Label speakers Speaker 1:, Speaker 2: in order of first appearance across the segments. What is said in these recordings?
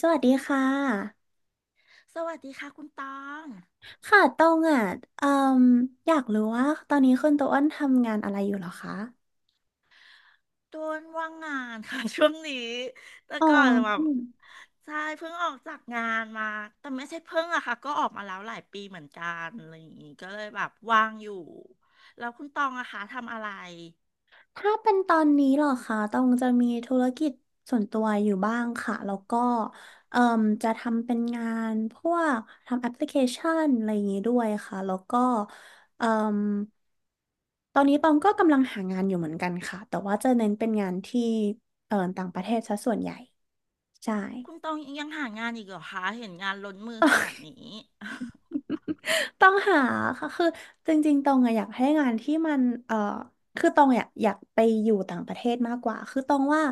Speaker 1: สวัสดีค่ะ
Speaker 2: สวัสดีค่ะคุณตอง
Speaker 1: ค่ะตองอ่ะเอ่มอยากรู้ว่าตอนนี้คุณโตอ้นทำงานอะไรอยู่เหรอคะ
Speaker 2: โดนว่างงานค่ะ ช่วงนี้แต่
Speaker 1: อ๋อ
Speaker 2: ก่อนแบ
Speaker 1: อื
Speaker 2: บ
Speaker 1: ม
Speaker 2: ใช่เพิ่งออกจากงานมา แต่ไม่ใช่เพิ่งอะค่ะก็ออกมาแล้วหลายปีเหมือนกันอะไรอย่างงี้ก็เลยแบบว่างอยู่แล้วคุณตองอะคะทำอะไร
Speaker 1: ถ้าเป็นตอนนี้เหรอคะตองจะมีธุรกิจส่วนตัวอยู่บ้างค่ะ แล้วก็เอ่มจะทำเป็นงานพวกทำแอปพลิเคชันอะไรอย่างนี้ด้วยค่ะแล้วก็เอ่มตอนนี้ตองก็กำลังหางานอยู่เหมือนกันค่ะแต่ว่าจะเน้นเป็นงานที่ต่างประเทศซะส่วนใหญ่ใช่
Speaker 2: คุณตองยังหางานอีกเหรอคะเห็นงานล้นมือขนาดนี้
Speaker 1: ต้องหาค่ะคือจริงๆตองอะอยากให้งานที่มันคือตองอยากไปอยู่ต่างประเทศมากกว่าคือตองว่า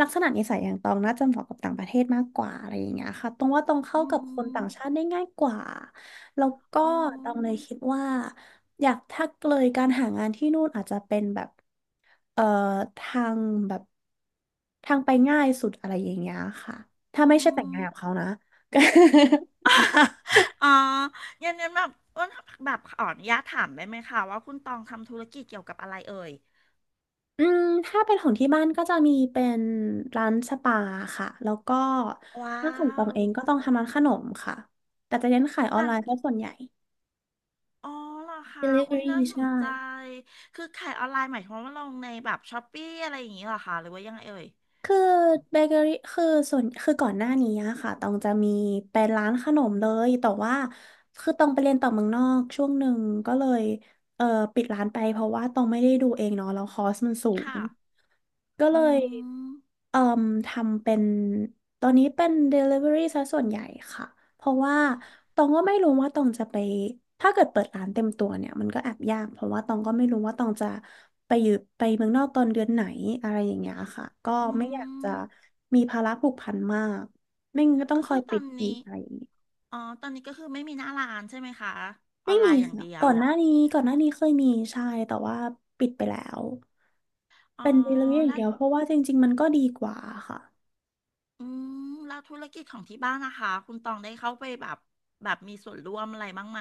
Speaker 1: ลักษณะนิสัยอย่างตองน่าจะเหมาะกับต่างประเทศมากกว่าอะไรอย่างเงี้ยค่ะตองว่าตอง เข้า
Speaker 2: อื
Speaker 1: กับคน
Speaker 2: ม
Speaker 1: ต่างชาติได้ง่ายกว่าแล้วก็
Speaker 2: อ๋อ
Speaker 1: ตองเลยคิดว่าอยากถ้าเลยการหางานที่นู่นอาจจะเป็นแบบเอ่อทางแบบทางไปง่ายสุดอะไรอย่างเงี้ยค่ะถ้าไม่
Speaker 2: อื
Speaker 1: ใช่แต่งงา
Speaker 2: ม
Speaker 1: นกับเขานะ
Speaker 2: อ๋องั้นงั้นแบบอ้วนแบบขออนุญาตถามได้ไหมคะว่าคุณตองทำธุรกิจเกี่ยวกับอะไรเอ่ย
Speaker 1: อืมถ้าเป็นของที่บ้านก็จะมีเป็นร้านสปาค่ะแล้วก็
Speaker 2: ว้า
Speaker 1: ถ้าของตอง
Speaker 2: ว
Speaker 1: เองก็ต้องทำร้านขนมค่ะแต่จะเน้นขายออน
Speaker 2: ร้า
Speaker 1: ไล
Speaker 2: น
Speaker 1: น์เพราะส่วนใหญ่
Speaker 2: อ๋อเหรอคะอุ้ย
Speaker 1: Delivery
Speaker 2: น่าสน
Speaker 1: ใช่
Speaker 2: ใจ คือขายออนไลน์หมายความว่าลงในแบบช้อปปี้อะไรอย่างนี้เหรอคะหรือว่ายังไงเอ่ย
Speaker 1: คือเบเกอรี่คือส่วนคือก่อนหน้านี้อะค่ะตองจะมีเป็นร้านขนมเลยแต่ว่าคือตองไปเรียนต่อเมืองนอกช่วงหนึ่งก็เลยเออปิดร้านไปเพราะว่าตองไม่ได้ดูเองเนาะแล้วคอสมันสูง
Speaker 2: ค่ะ
Speaker 1: ก็เล
Speaker 2: อื
Speaker 1: ย
Speaker 2: ม
Speaker 1: เอ่มทำเป็นตอนนี้เป็น Delivery ซะส่วนใหญ่ค่ะเพราะว่าตองก็ไม่รู้ว่าตองจะไปถ้าเกิดเปิดร้านเต็มตัวเนี่ยมันก็แอบยากเพราะว่าตองก็ไม่รู้ว่าตองจะไปอยู่ไปเมืองนอกตอนเดือนไหนอะไรอย่างเงี้ยค่ะก็
Speaker 2: อื
Speaker 1: ไม่อยากจะ
Speaker 2: ม
Speaker 1: มีภาระผูกพันมากไม่งั้นก็ต้อ
Speaker 2: ก็
Speaker 1: งคอ
Speaker 2: คื
Speaker 1: ย
Speaker 2: อต
Speaker 1: ปิ
Speaker 2: อ
Speaker 1: ด
Speaker 2: น
Speaker 1: อีก
Speaker 2: นี้
Speaker 1: อะไรอย่างงี้
Speaker 2: อ๋อตอนนี้ก็คือไม่มีหน้าร้านใช่ไหมคะ ออ
Speaker 1: ไม่
Speaker 2: นไล
Speaker 1: มี
Speaker 2: น์อย่าง
Speaker 1: ค่ะ
Speaker 2: เดีย
Speaker 1: ก่อ
Speaker 2: ว
Speaker 1: นหน้านี้ก่อนหน้านี้เคยมีใช่แต่ว่าปิดไปแล้ว
Speaker 2: อ๋อ
Speaker 1: เป็น Delivery อย่าง
Speaker 2: แล้ว
Speaker 1: เดียวเพราะว่าจริงๆมันก็ดีกว่าค่ะ
Speaker 2: อืมแล้วธุรกิจของที่บ้านนะคะ คุณตองได้เข้าไปแบบ แบบมีส่วนร่วมอะไรบ้างไหม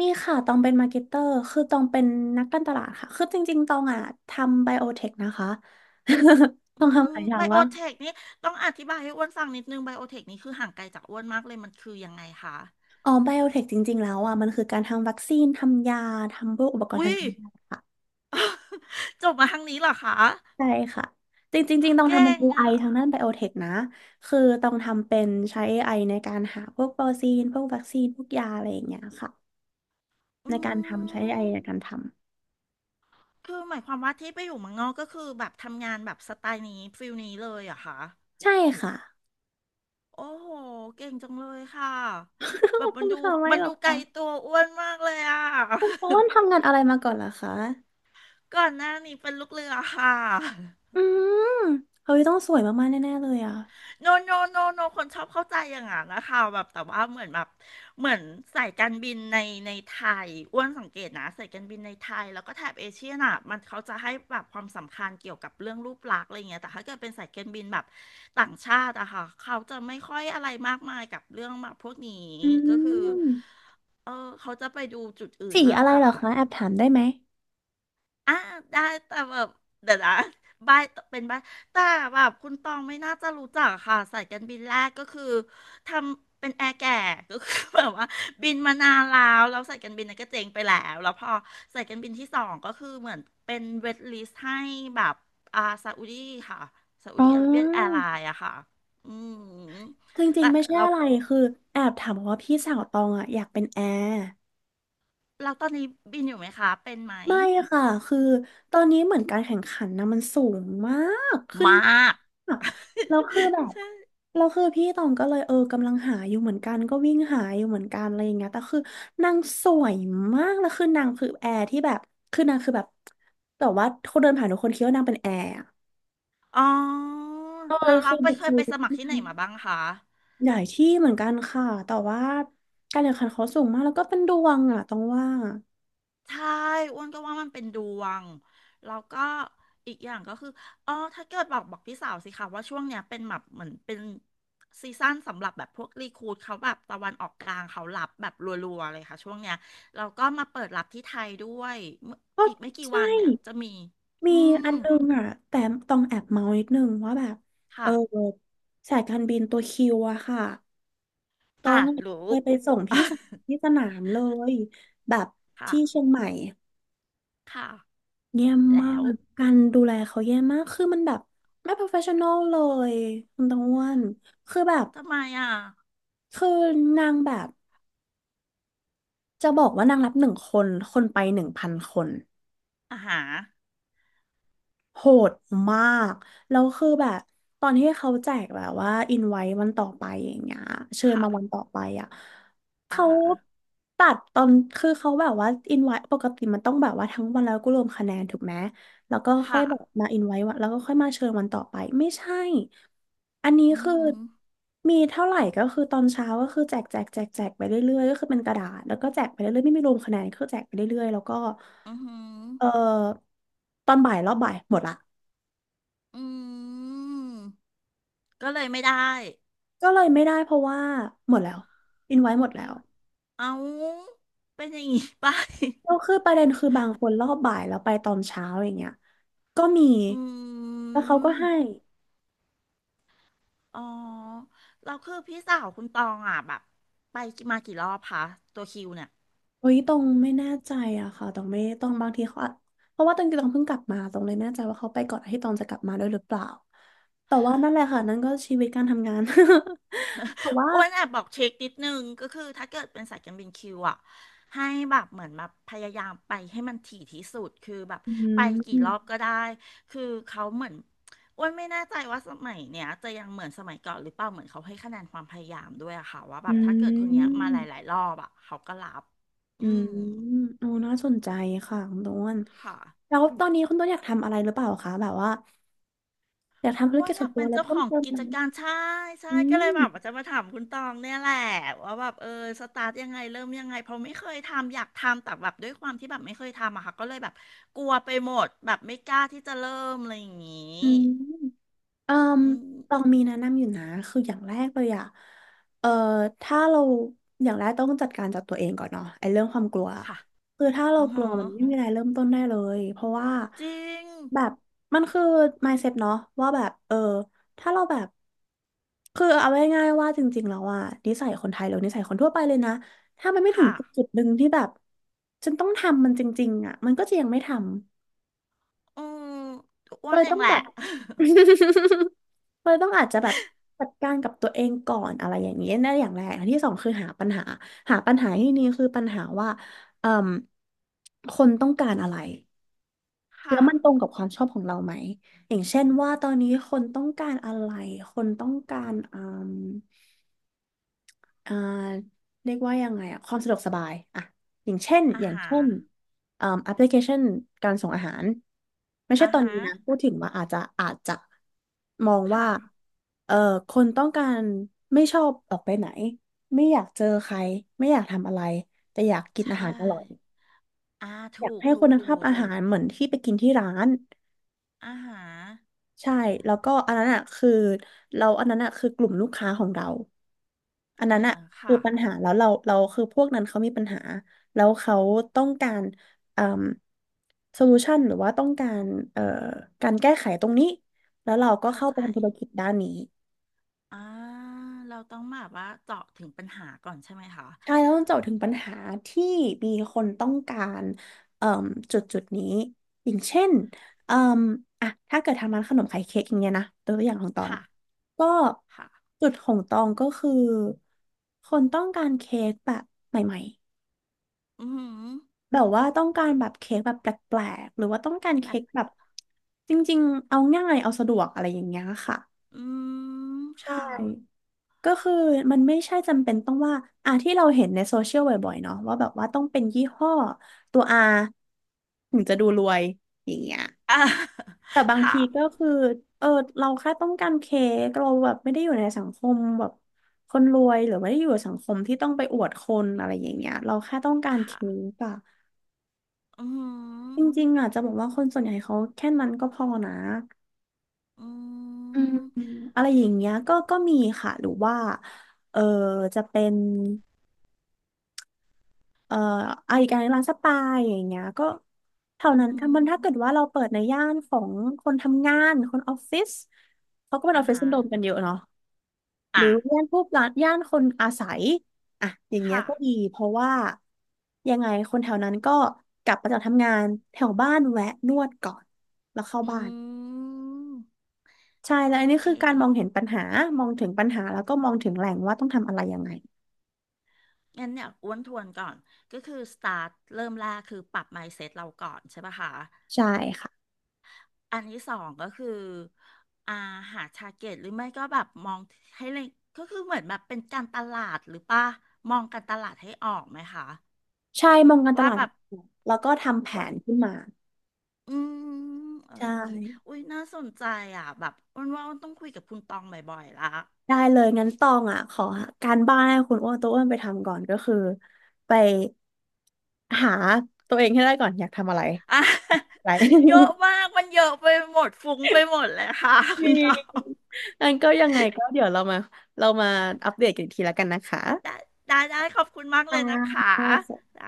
Speaker 1: มีค่ะตองเป็นมาร์เก็ตเตอร์คือตองเป็นนักการตลาดค่ะ คือจริงๆตองอ่ะทำไบโอเทคนะคะ ตอ
Speaker 2: อื
Speaker 1: ง
Speaker 2: ม
Speaker 1: ทำหลายอย่า
Speaker 2: ไบ
Speaker 1: ง
Speaker 2: โอ
Speaker 1: ว่า
Speaker 2: เทค
Speaker 1: ก
Speaker 2: นี่ต้องอธิบายให้อ้วนฟังนิดนึงไบโอเทคนี่คือห่างไกลจากอ้วนมากเลยมันคือยังไงคะ
Speaker 1: อ๋อไบโอเทคจริงๆแล้วอ่ะมันคือการทำวัคซีนทำยาทำพวกอุปกรณ์
Speaker 2: อุ้
Speaker 1: ทาง
Speaker 2: ย
Speaker 1: การแพทย์ค่ะ
Speaker 2: จบมาทางนี้เหรอคะ
Speaker 1: ใช่ค่ะจริงๆจริงๆต้อง
Speaker 2: เก่
Speaker 1: ทำเป็น
Speaker 2: ง
Speaker 1: เอ
Speaker 2: อ่ะ
Speaker 1: ไ i ทางด้านไบโอเทคนะคือต้องทำเป็นใช้เอไอในการหาพวกโปรตีนพวกวัคซีนพวกยาอะไรอย่างเงี้ยค่ะ
Speaker 2: อื
Speaker 1: ในการทำใช้เอไอ
Speaker 2: ม
Speaker 1: ในการท
Speaker 2: คือหมายความว่าที่ไปอยู่เมืองนอกก็คือแบบทำงานแบบสไตล์นี้ฟิลนี้เลยเหรอะคะ
Speaker 1: ำ ใช่ค่ะ
Speaker 2: โอ้โหเก่งจังเลยค่ะแบ
Speaker 1: ข
Speaker 2: บ
Speaker 1: อบ
Speaker 2: มั
Speaker 1: คุ
Speaker 2: น
Speaker 1: ณ
Speaker 2: ดู
Speaker 1: ค่ะไม่
Speaker 2: มัน
Speaker 1: หรอ
Speaker 2: ดู
Speaker 1: ก
Speaker 2: ไกลตั
Speaker 1: ค่ะ
Speaker 2: วอ้วนมากเลยอะ
Speaker 1: คุณโอ นทำงานอะไรมาก่อนเหรอคะ
Speaker 2: ก่อนหน้านี้เป็นลูกเรือค่ะ
Speaker 1: อืมเฮ้ยต้องสวยมากๆแน่ๆเลยอ่ะ
Speaker 2: โนโนโนโนคนชอบเข้าใจอย่างนั้นนะคะแบบแต่ว่าเหมือนแบบเหมือนสายการบินในในไทยอ้วนสังเกตนะสายการบินในไทยแล้วก็แถบเอเชียน่ะมันเขาจะให้แบบความสำคัญเกี่ยวกับเรื่องรูปลักษณ์อะไรเงี้ยแต่ถ้าเกิดเป็นสายการบินแบบต่างชาติอะค่ะเขาจะไม่ค่อยอะไรมากมายกับเรื่องแบบพวกนี้
Speaker 1: อื
Speaker 2: ก็คือ
Speaker 1: ม
Speaker 2: เออเขาจะไปดูจุดอื่น
Speaker 1: สี
Speaker 2: มา
Speaker 1: อะ
Speaker 2: ก
Speaker 1: ไร
Speaker 2: ก
Speaker 1: เหร
Speaker 2: ว่า
Speaker 1: อคะแอบถามได้ไหม
Speaker 2: อ่ะได้แต่แบบเดี๋ยวนะบ้ายเป็นบ้ายแต่แบบคุณตองไม่น่าจะรู้จักค่ะสายการบินแรกก็คือทำเป็นแอร์แก่ก็คือแบบว่าบินมานานแล้วแล้วสายการบินนั้นก็เจ๊งไปแล้วแล้วพอสายการบินที่สองก็คือเหมือนเป็นเวทลิสต์ให้แบบอ่าซาอุดีค่ะซาอุ
Speaker 1: อ๋
Speaker 2: ดี
Speaker 1: อ
Speaker 2: อาระเบียแอร์ไลน์อะค่ะอืม
Speaker 1: จริง
Speaker 2: แต่
Speaker 1: ๆไม่ใช่
Speaker 2: เรา
Speaker 1: อะไรคือแอบถามเพราะว่าพี่สาวตองอ่ะอยากเป็นแอร์
Speaker 2: เราตอนนี้บินอยู่ไหมคะเป็นไหม
Speaker 1: ไม่ค่ะคือตอนนี้เหมือนการแข่งขันนะมันสูงมากขึ้น
Speaker 2: มาก
Speaker 1: มากแล้วคือแบบเราคือพี่ตองก็เลยเออกำลังหาอยู่เหมือนกันก็วิ่งหาอยู่เหมือนกันอะไรอย่างเงี้ยแต่คือนางสวยมากแล้วคือนางคือแอร์ที่แบบคือนางคือแบบแต่ว่าคนเดินผ่านทุกคนคิดว่านางเป็นแอร์อะ
Speaker 2: อ๋อ
Speaker 1: เออ
Speaker 2: เราเรา
Speaker 1: คือ
Speaker 2: ไป
Speaker 1: บุ
Speaker 2: เค
Speaker 1: ค
Speaker 2: ยไป
Speaker 1: ลิ
Speaker 2: ส
Speaker 1: ก
Speaker 2: มัครที่
Speaker 1: นา
Speaker 2: ไหน
Speaker 1: ง
Speaker 2: มาบ้างคะ
Speaker 1: ใหญ่ที่เหมือนกันค่ะแต่ว่าการแข่งขันเขาสูงมากแล้วก็เป็นดวงอ่ะต้องว่า
Speaker 2: ใช่อ้วนก็ว่ามันเป็นดวงแล้วก็อีกอย่างก็คืออ๋อถ้าเกิดบอกพี่สาวสิคะว่าช่วงเนี้ยเป็นแบบเหมือนเป็นซีซั่นสำหรับแบบพวกรีครูทเขาแบบตะวันออกกลางเขารับแบบรัวๆเลยค่ะช่วงเนี้ยแล้วก็มาเปิดรับที่ไทยด้วยเมื่อ
Speaker 1: ก็
Speaker 2: อีกไม่กี่
Speaker 1: ใช่
Speaker 2: วันเนี่ยจะมี
Speaker 1: มี
Speaker 2: อื
Speaker 1: อั
Speaker 2: ม
Speaker 1: นนึงอ่ะแต่ต้องแอบเมานิดนึงว่าแบบเอ
Speaker 2: ค่ะ
Speaker 1: อสายการบินตัวคิวอะค่ะต้อ
Speaker 2: อ่ะ
Speaker 1: ง
Speaker 2: รู้
Speaker 1: เคยไปส่งพี่สาวที่สนามเลยแบบ
Speaker 2: ค่ะ
Speaker 1: ที่เชียงใหม่
Speaker 2: ค่ะ
Speaker 1: แย่มา
Speaker 2: แล้ว
Speaker 1: กการดูแลเขาแย่มากคือมันแบบไม่ professional เลยคุณตองอ้วนคือแบบ
Speaker 2: ทำไมอ่ะ
Speaker 1: คือนางแบบจะบอกว่านางรับหนึ่งคนคนไปหนึ่งพันคน
Speaker 2: อาหาร
Speaker 1: โหดมาก แล้วคือแบบตอนที่เขาแจกแบบว่าอินไว้วันต่อไปอย่างเงี้ยเชิญ
Speaker 2: ค่ะ
Speaker 1: มาวันต่อไปอ่ะ
Speaker 2: อ่า
Speaker 1: เขา
Speaker 2: ฮะ
Speaker 1: ตัดตอนคือเขาแบบว่าอินไว้ปกติมันต้องแบบว่าทั้งวันแล้วก็รวมคะแนนถูกไหมแล้วก็ค่อ
Speaker 2: ค่ะ
Speaker 1: ยแบบมาอินไว้วันแล้วก็ค่อยมาเชิญวันต่อไปไม่ใช่ อันนี้
Speaker 2: อือ
Speaker 1: คือ
Speaker 2: หือ
Speaker 1: มีเท่าไหร่ก็คือตอนเช้าก็คือแจกไปเรื่อยๆก็คือเป็นกระดาษแล้วก็แจกไปเรื่อยๆไม่มีรวมคะแนนคือแจกไปเรื่อยๆแล้วก็
Speaker 2: อือหือ
Speaker 1: เออตอนบ่ายรอบบ่ายหมดละ
Speaker 2: อืม ก็เลยไม่ได้
Speaker 1: ก็เลยไม่ได้เพราะว่าหมดแล้วอินไว้หมดแล้ว
Speaker 2: เอาเป็นอย่างงี้ไป
Speaker 1: แล้วคือประเด็นคือบางคนรอบบ่ายแล้วไปตอนเช้าอย่างเงี้ยก็มี
Speaker 2: อื
Speaker 1: แล้วเขาก็
Speaker 2: ม
Speaker 1: ให้
Speaker 2: อ๋อ เราคือพี่สาวคุณตองอ่ะแบบไปมากี่รอบคะตัวคิวเนี่ย
Speaker 1: เฮ้ยตรงไม่แน่ใจอะค่ะตรงไม่ต้องบางทีเขาอาจเพราะว่าตรงเพิ่งกลับมาตรงเลยไม่แน่ใจว่าเขาไปก่อนที่ตองจะกลับมาด้วยหรือเปล่าแต่ว่านั่นแหละค่ะนั่นก็ชีวิตการทำงาน แต่ว่า
Speaker 2: อ้วนแอบบอกเช็คนิดนึงก็คือถ้าเกิดเป็นสายการบินคิวอ่ะให้แบบเหมือนแบบพยายามไปให้มันถี่ที่สุดคือแบบ
Speaker 1: อื
Speaker 2: ไปกี่รอบ
Speaker 1: ม
Speaker 2: ก็ได้คือเขาเหมือนอ้วนไม่แน่ใจว่าสมัยเนี้ยจะยังเหมือนสมัยก่อนหรือเปล่าเหมือนเขาให้คะแนนความพยายามด้วยอะค่ะว่าแบ
Speaker 1: อื
Speaker 2: บถ้าเกิดคนเนี้ยมาหลา
Speaker 1: ม
Speaker 2: ยๆรอบอะเขาก็รับ
Speaker 1: อื
Speaker 2: อื
Speaker 1: ม
Speaker 2: ม
Speaker 1: โอ้น่าสนใจค่ะคุณต้น
Speaker 2: ค่ะ
Speaker 1: แล้วตอนนี้คุณต้นอยากทำอะไรหรือเปล่าคะแบบว่าอยากทำธุร
Speaker 2: ว่า
Speaker 1: กิจ
Speaker 2: อ
Speaker 1: ส่
Speaker 2: ยา
Speaker 1: วน
Speaker 2: ก
Speaker 1: ตั
Speaker 2: เป็
Speaker 1: ว
Speaker 2: น
Speaker 1: อะไร
Speaker 2: เจ้าข
Speaker 1: เพิ่ม
Speaker 2: อง
Speaker 1: เติม
Speaker 2: กิจ
Speaker 1: ไหม
Speaker 2: การใช่ใช่
Speaker 1: อื
Speaker 2: ก็เลยแบบว่า
Speaker 1: ม
Speaker 2: จะมาถามคุณตองเนี่ยแหละว่าแบบสตาร์ทยังไงเริ่มยังไงเพราะไม่เคยทำอยากทำแต่แบบด้วยความที่แบบไม่เคยทำอะค่ะก็เลยแบบกลัวไปหมดแบบไม่กล้าที่จะเริ่มอะไรอย่างงี้
Speaker 1: อืม เอ่อ
Speaker 2: อืม
Speaker 1: ตองมีแนะนำอยู่นะคืออย่างแรกเลยอะเอ่อถ้าเราอย่างแรกต้องจัดการจากตัวเองก่อนเนาะไอ้เรื่องความกลัว
Speaker 2: ค่ะ
Speaker 1: คือถ้าเรา
Speaker 2: อือ
Speaker 1: กลั
Speaker 2: ฮะ
Speaker 1: วมันไม่มีอะไรเริ่มต้นได้เลยเพราะว่า
Speaker 2: จริง
Speaker 1: แบบมันคือ mindset เนาะว่าแบบเออถ้าเราแบบคือเอาง่ายๆว่าจริงๆแล้วอะนิสัยคนไทยหรือนิสัยคนทั่วไปเลยนะถ้ามันไม่ถึง
Speaker 2: ค่ะ
Speaker 1: จุดหนึ่งที่แบบฉันต้องทำมันจริงๆอะมันก็จะยังไม่ทำ
Speaker 2: อืมอ้
Speaker 1: ก็
Speaker 2: วน
Speaker 1: เลย
Speaker 2: เอ
Speaker 1: ต้
Speaker 2: ง
Speaker 1: อง
Speaker 2: แห
Speaker 1: แบ
Speaker 2: ละ
Speaker 1: บ เราต้องอาจจะแบบจัดการกับตัวเองก่อนอะไรอย่างนี้นั่นอย่างแรกอันที่สองคือหาปัญหาหาปัญหาที่นี่คือปัญหาว่าเอ่มคนต้องการอะไร แล้
Speaker 2: ค่ะ
Speaker 1: วมันตรงกับความชอบของเราไหมอย่างเช่นว่าตอนนี้คนต้องการอะไรคนต้องการม อ่าเรียกว่ายังไงอะความสะดวกสบายอ่ะอย่างเช่น
Speaker 2: อา
Speaker 1: อย่าง
Speaker 2: หาร
Speaker 1: เช่นอ่าแอปพลิเคชันการส่งอาหารไม่ใช่
Speaker 2: อา
Speaker 1: ตอน
Speaker 2: หา
Speaker 1: นี้
Speaker 2: ร
Speaker 1: นะพูดถึงว่าอาจจะมองว่า
Speaker 2: ค่ะ
Speaker 1: เอ่อคนต้องการไม่ชอบออกไปไหนไม่อยากเจอใครไม่อยากทำอะไรแต่อยากกินอา
Speaker 2: ใช่
Speaker 1: หารอร่อย
Speaker 2: อ่า
Speaker 1: อยา
Speaker 2: ถู
Speaker 1: ก
Speaker 2: ก
Speaker 1: ให้
Speaker 2: ถู
Speaker 1: คุ
Speaker 2: ก
Speaker 1: ณภาพ
Speaker 2: ถูก
Speaker 1: อาหารเหมือนที่ไปกินที่ร้าน
Speaker 2: อาหาร
Speaker 1: ใช่แล้วก็อันนั้นอ่ะคือเราอันนั้นอ่ะคือกลุ่มลูกค้าของเรา อันนั้
Speaker 2: อา
Speaker 1: นอะ
Speaker 2: หาร
Speaker 1: คือ
Speaker 2: ค่ะ
Speaker 1: ปัญหาแล้วเราคือพวกนั้นเขามีปัญหาแล้วเขาต้องการเอ่อโซลูชันหรือว่าต้องการเอ่อการแก้ไขตรงนี้แล้วเราก็
Speaker 2: เข้า
Speaker 1: เข้า
Speaker 2: ใจ
Speaker 1: ไปทำธุรกิจด้านนี้
Speaker 2: อ่า เราต้องแบบว่าเจาะถึงปัญหาก่อนใช่ไหมคะ
Speaker 1: ใช่แล้วต้องเจาะถึงปัญหาที่มีคนต้องการเอ่อจุดนี้อย่างเช่นเอ่ออ่ะถ้าเกิดทำร้านขนมไข่เค้กอย่างเงี้ยนะตัวอย่างของตอง
Speaker 2: ค่ะ
Speaker 1: ก็
Speaker 2: ค่ะ
Speaker 1: จุดของตองก็คือคนต้องการเค้กแบบใหม่
Speaker 2: อือหือ
Speaker 1: แบบว่าต้องการแบบเค้กแบบแปลกๆหรือว่าต้องการเค้
Speaker 2: แบบ
Speaker 1: กแบบจริงๆเอาง่ายเอาสะดวกอะไรอย่างเงี้ยค่ะ
Speaker 2: อืม
Speaker 1: ใช่
Speaker 2: ค่ะ
Speaker 1: ก็คือมันไม่ใช่จำเป็นต้องว่าอ่ะที่เราเห็นในโซเชียลบ่อยๆเนาะว่าแบบว่าต้องเป็นยี่ห้อตัว R ถึงจะดูรวยอย่างเงี้ย
Speaker 2: อ่า
Speaker 1: แต่ บาง
Speaker 2: ค่ะ
Speaker 1: ทีก็คือเออเราแค่ต้องการเค้กเราแบบไม่ได้อยู่ในสังคมแบบคนรวยหรือไม่ได้อยู่ในสังคมที่ต้องไปอวดคนอะไรอย่างเงี้ยเราแค่ต้องการ
Speaker 2: ค่ะ
Speaker 1: เค้กอะ
Speaker 2: อื
Speaker 1: จ
Speaker 2: ม
Speaker 1: ริงๆอ่ะจะบอกว่าคนส่วนใหญ่เขาแค่นั้นก็พอนะ
Speaker 2: อหืออื
Speaker 1: อืม
Speaker 2: ม
Speaker 1: อะไรอย่างเงี้ยก็มีค่ะหรือว่าเออจะเป็นเอ่ออะอีกการร้านสปาอย่างเงี้ยก็เท่า
Speaker 2: อื
Speaker 1: นั้นถ้า
Speaker 2: ม
Speaker 1: มันถ้า
Speaker 2: อ
Speaker 1: เกิดว่าเราเปิดในย่านของคนทำงานคนออฟฟิศเขาก็เป็นอ
Speaker 2: ่า
Speaker 1: อฟฟิศ
Speaker 2: ฮะ
Speaker 1: ซินโดรมกันเยอะเนาะหรื
Speaker 2: อ่ะ
Speaker 1: อย่านพวกร้านย่านคนอาศัยอ่ะอย่างเงี้ย
Speaker 2: ค่ะ
Speaker 1: ก็ดีเพราะว่ายังไงคนแถวนั้นก็กลับมาจากทำงานแถวบ้านแวะนวดก่อนแล้วเข้า
Speaker 2: อื
Speaker 1: บ้าน
Speaker 2: ม
Speaker 1: ใช่แล้วอัน
Speaker 2: โอ
Speaker 1: นี้
Speaker 2: เค
Speaker 1: คือการมองเห็นปัญหามองถึงปัญหาแล้วก็มองถึงแหล่งว่าต้องทำอะไรยังไง
Speaker 2: งั้นเนี่ยอ้วนทวนก่อน ก็คือ start เริ่มแรกคือปรับ mindset เราก่อนใช่ปะคะ
Speaker 1: ใช่ค่ะ
Speaker 2: อันที่สองก็คืออ่าหาทาร์เก็ตหรือไม่ก็แบบมองให้เลยก็คือเหมือนแบบเป็นการตลาดหรือป่ะมองการตลาดให้ออกไหมคะ
Speaker 1: ใช่มองการต
Speaker 2: ว่า
Speaker 1: ลาด
Speaker 2: แบบ
Speaker 1: แล้วก็ทำแผ
Speaker 2: ว่า
Speaker 1: นขึ้นมา
Speaker 2: อืมโอ
Speaker 1: ใช่
Speaker 2: เคอุ้ยน่าสนใจอ่ะแบบอ้วนว่าอ้วนต้องคุยกับคุณตองบ่อยๆละ
Speaker 1: ได้เลยงั้นตองอ่ะขอการบ้านให้คุณอ้วนตัวอ้วนไปทำก่อนก็คือไปหาตัวเองให้ได้ก่อนอยากทำอะไร
Speaker 2: อ่ะ
Speaker 1: อะไร
Speaker 2: เยอะมา กมันเยอะไปหมดฟุ้งไปหมดเลยค่ะคุณตอ
Speaker 1: น
Speaker 2: ง
Speaker 1: งั้นก็ยังไงก็เดี๋ยวเรามาอัปเดตกันอีกทีแล้วกันนะคะ
Speaker 2: ได้ได้ขอบคุณมาก
Speaker 1: อ
Speaker 2: เลยนะ
Speaker 1: ่า
Speaker 2: คะได้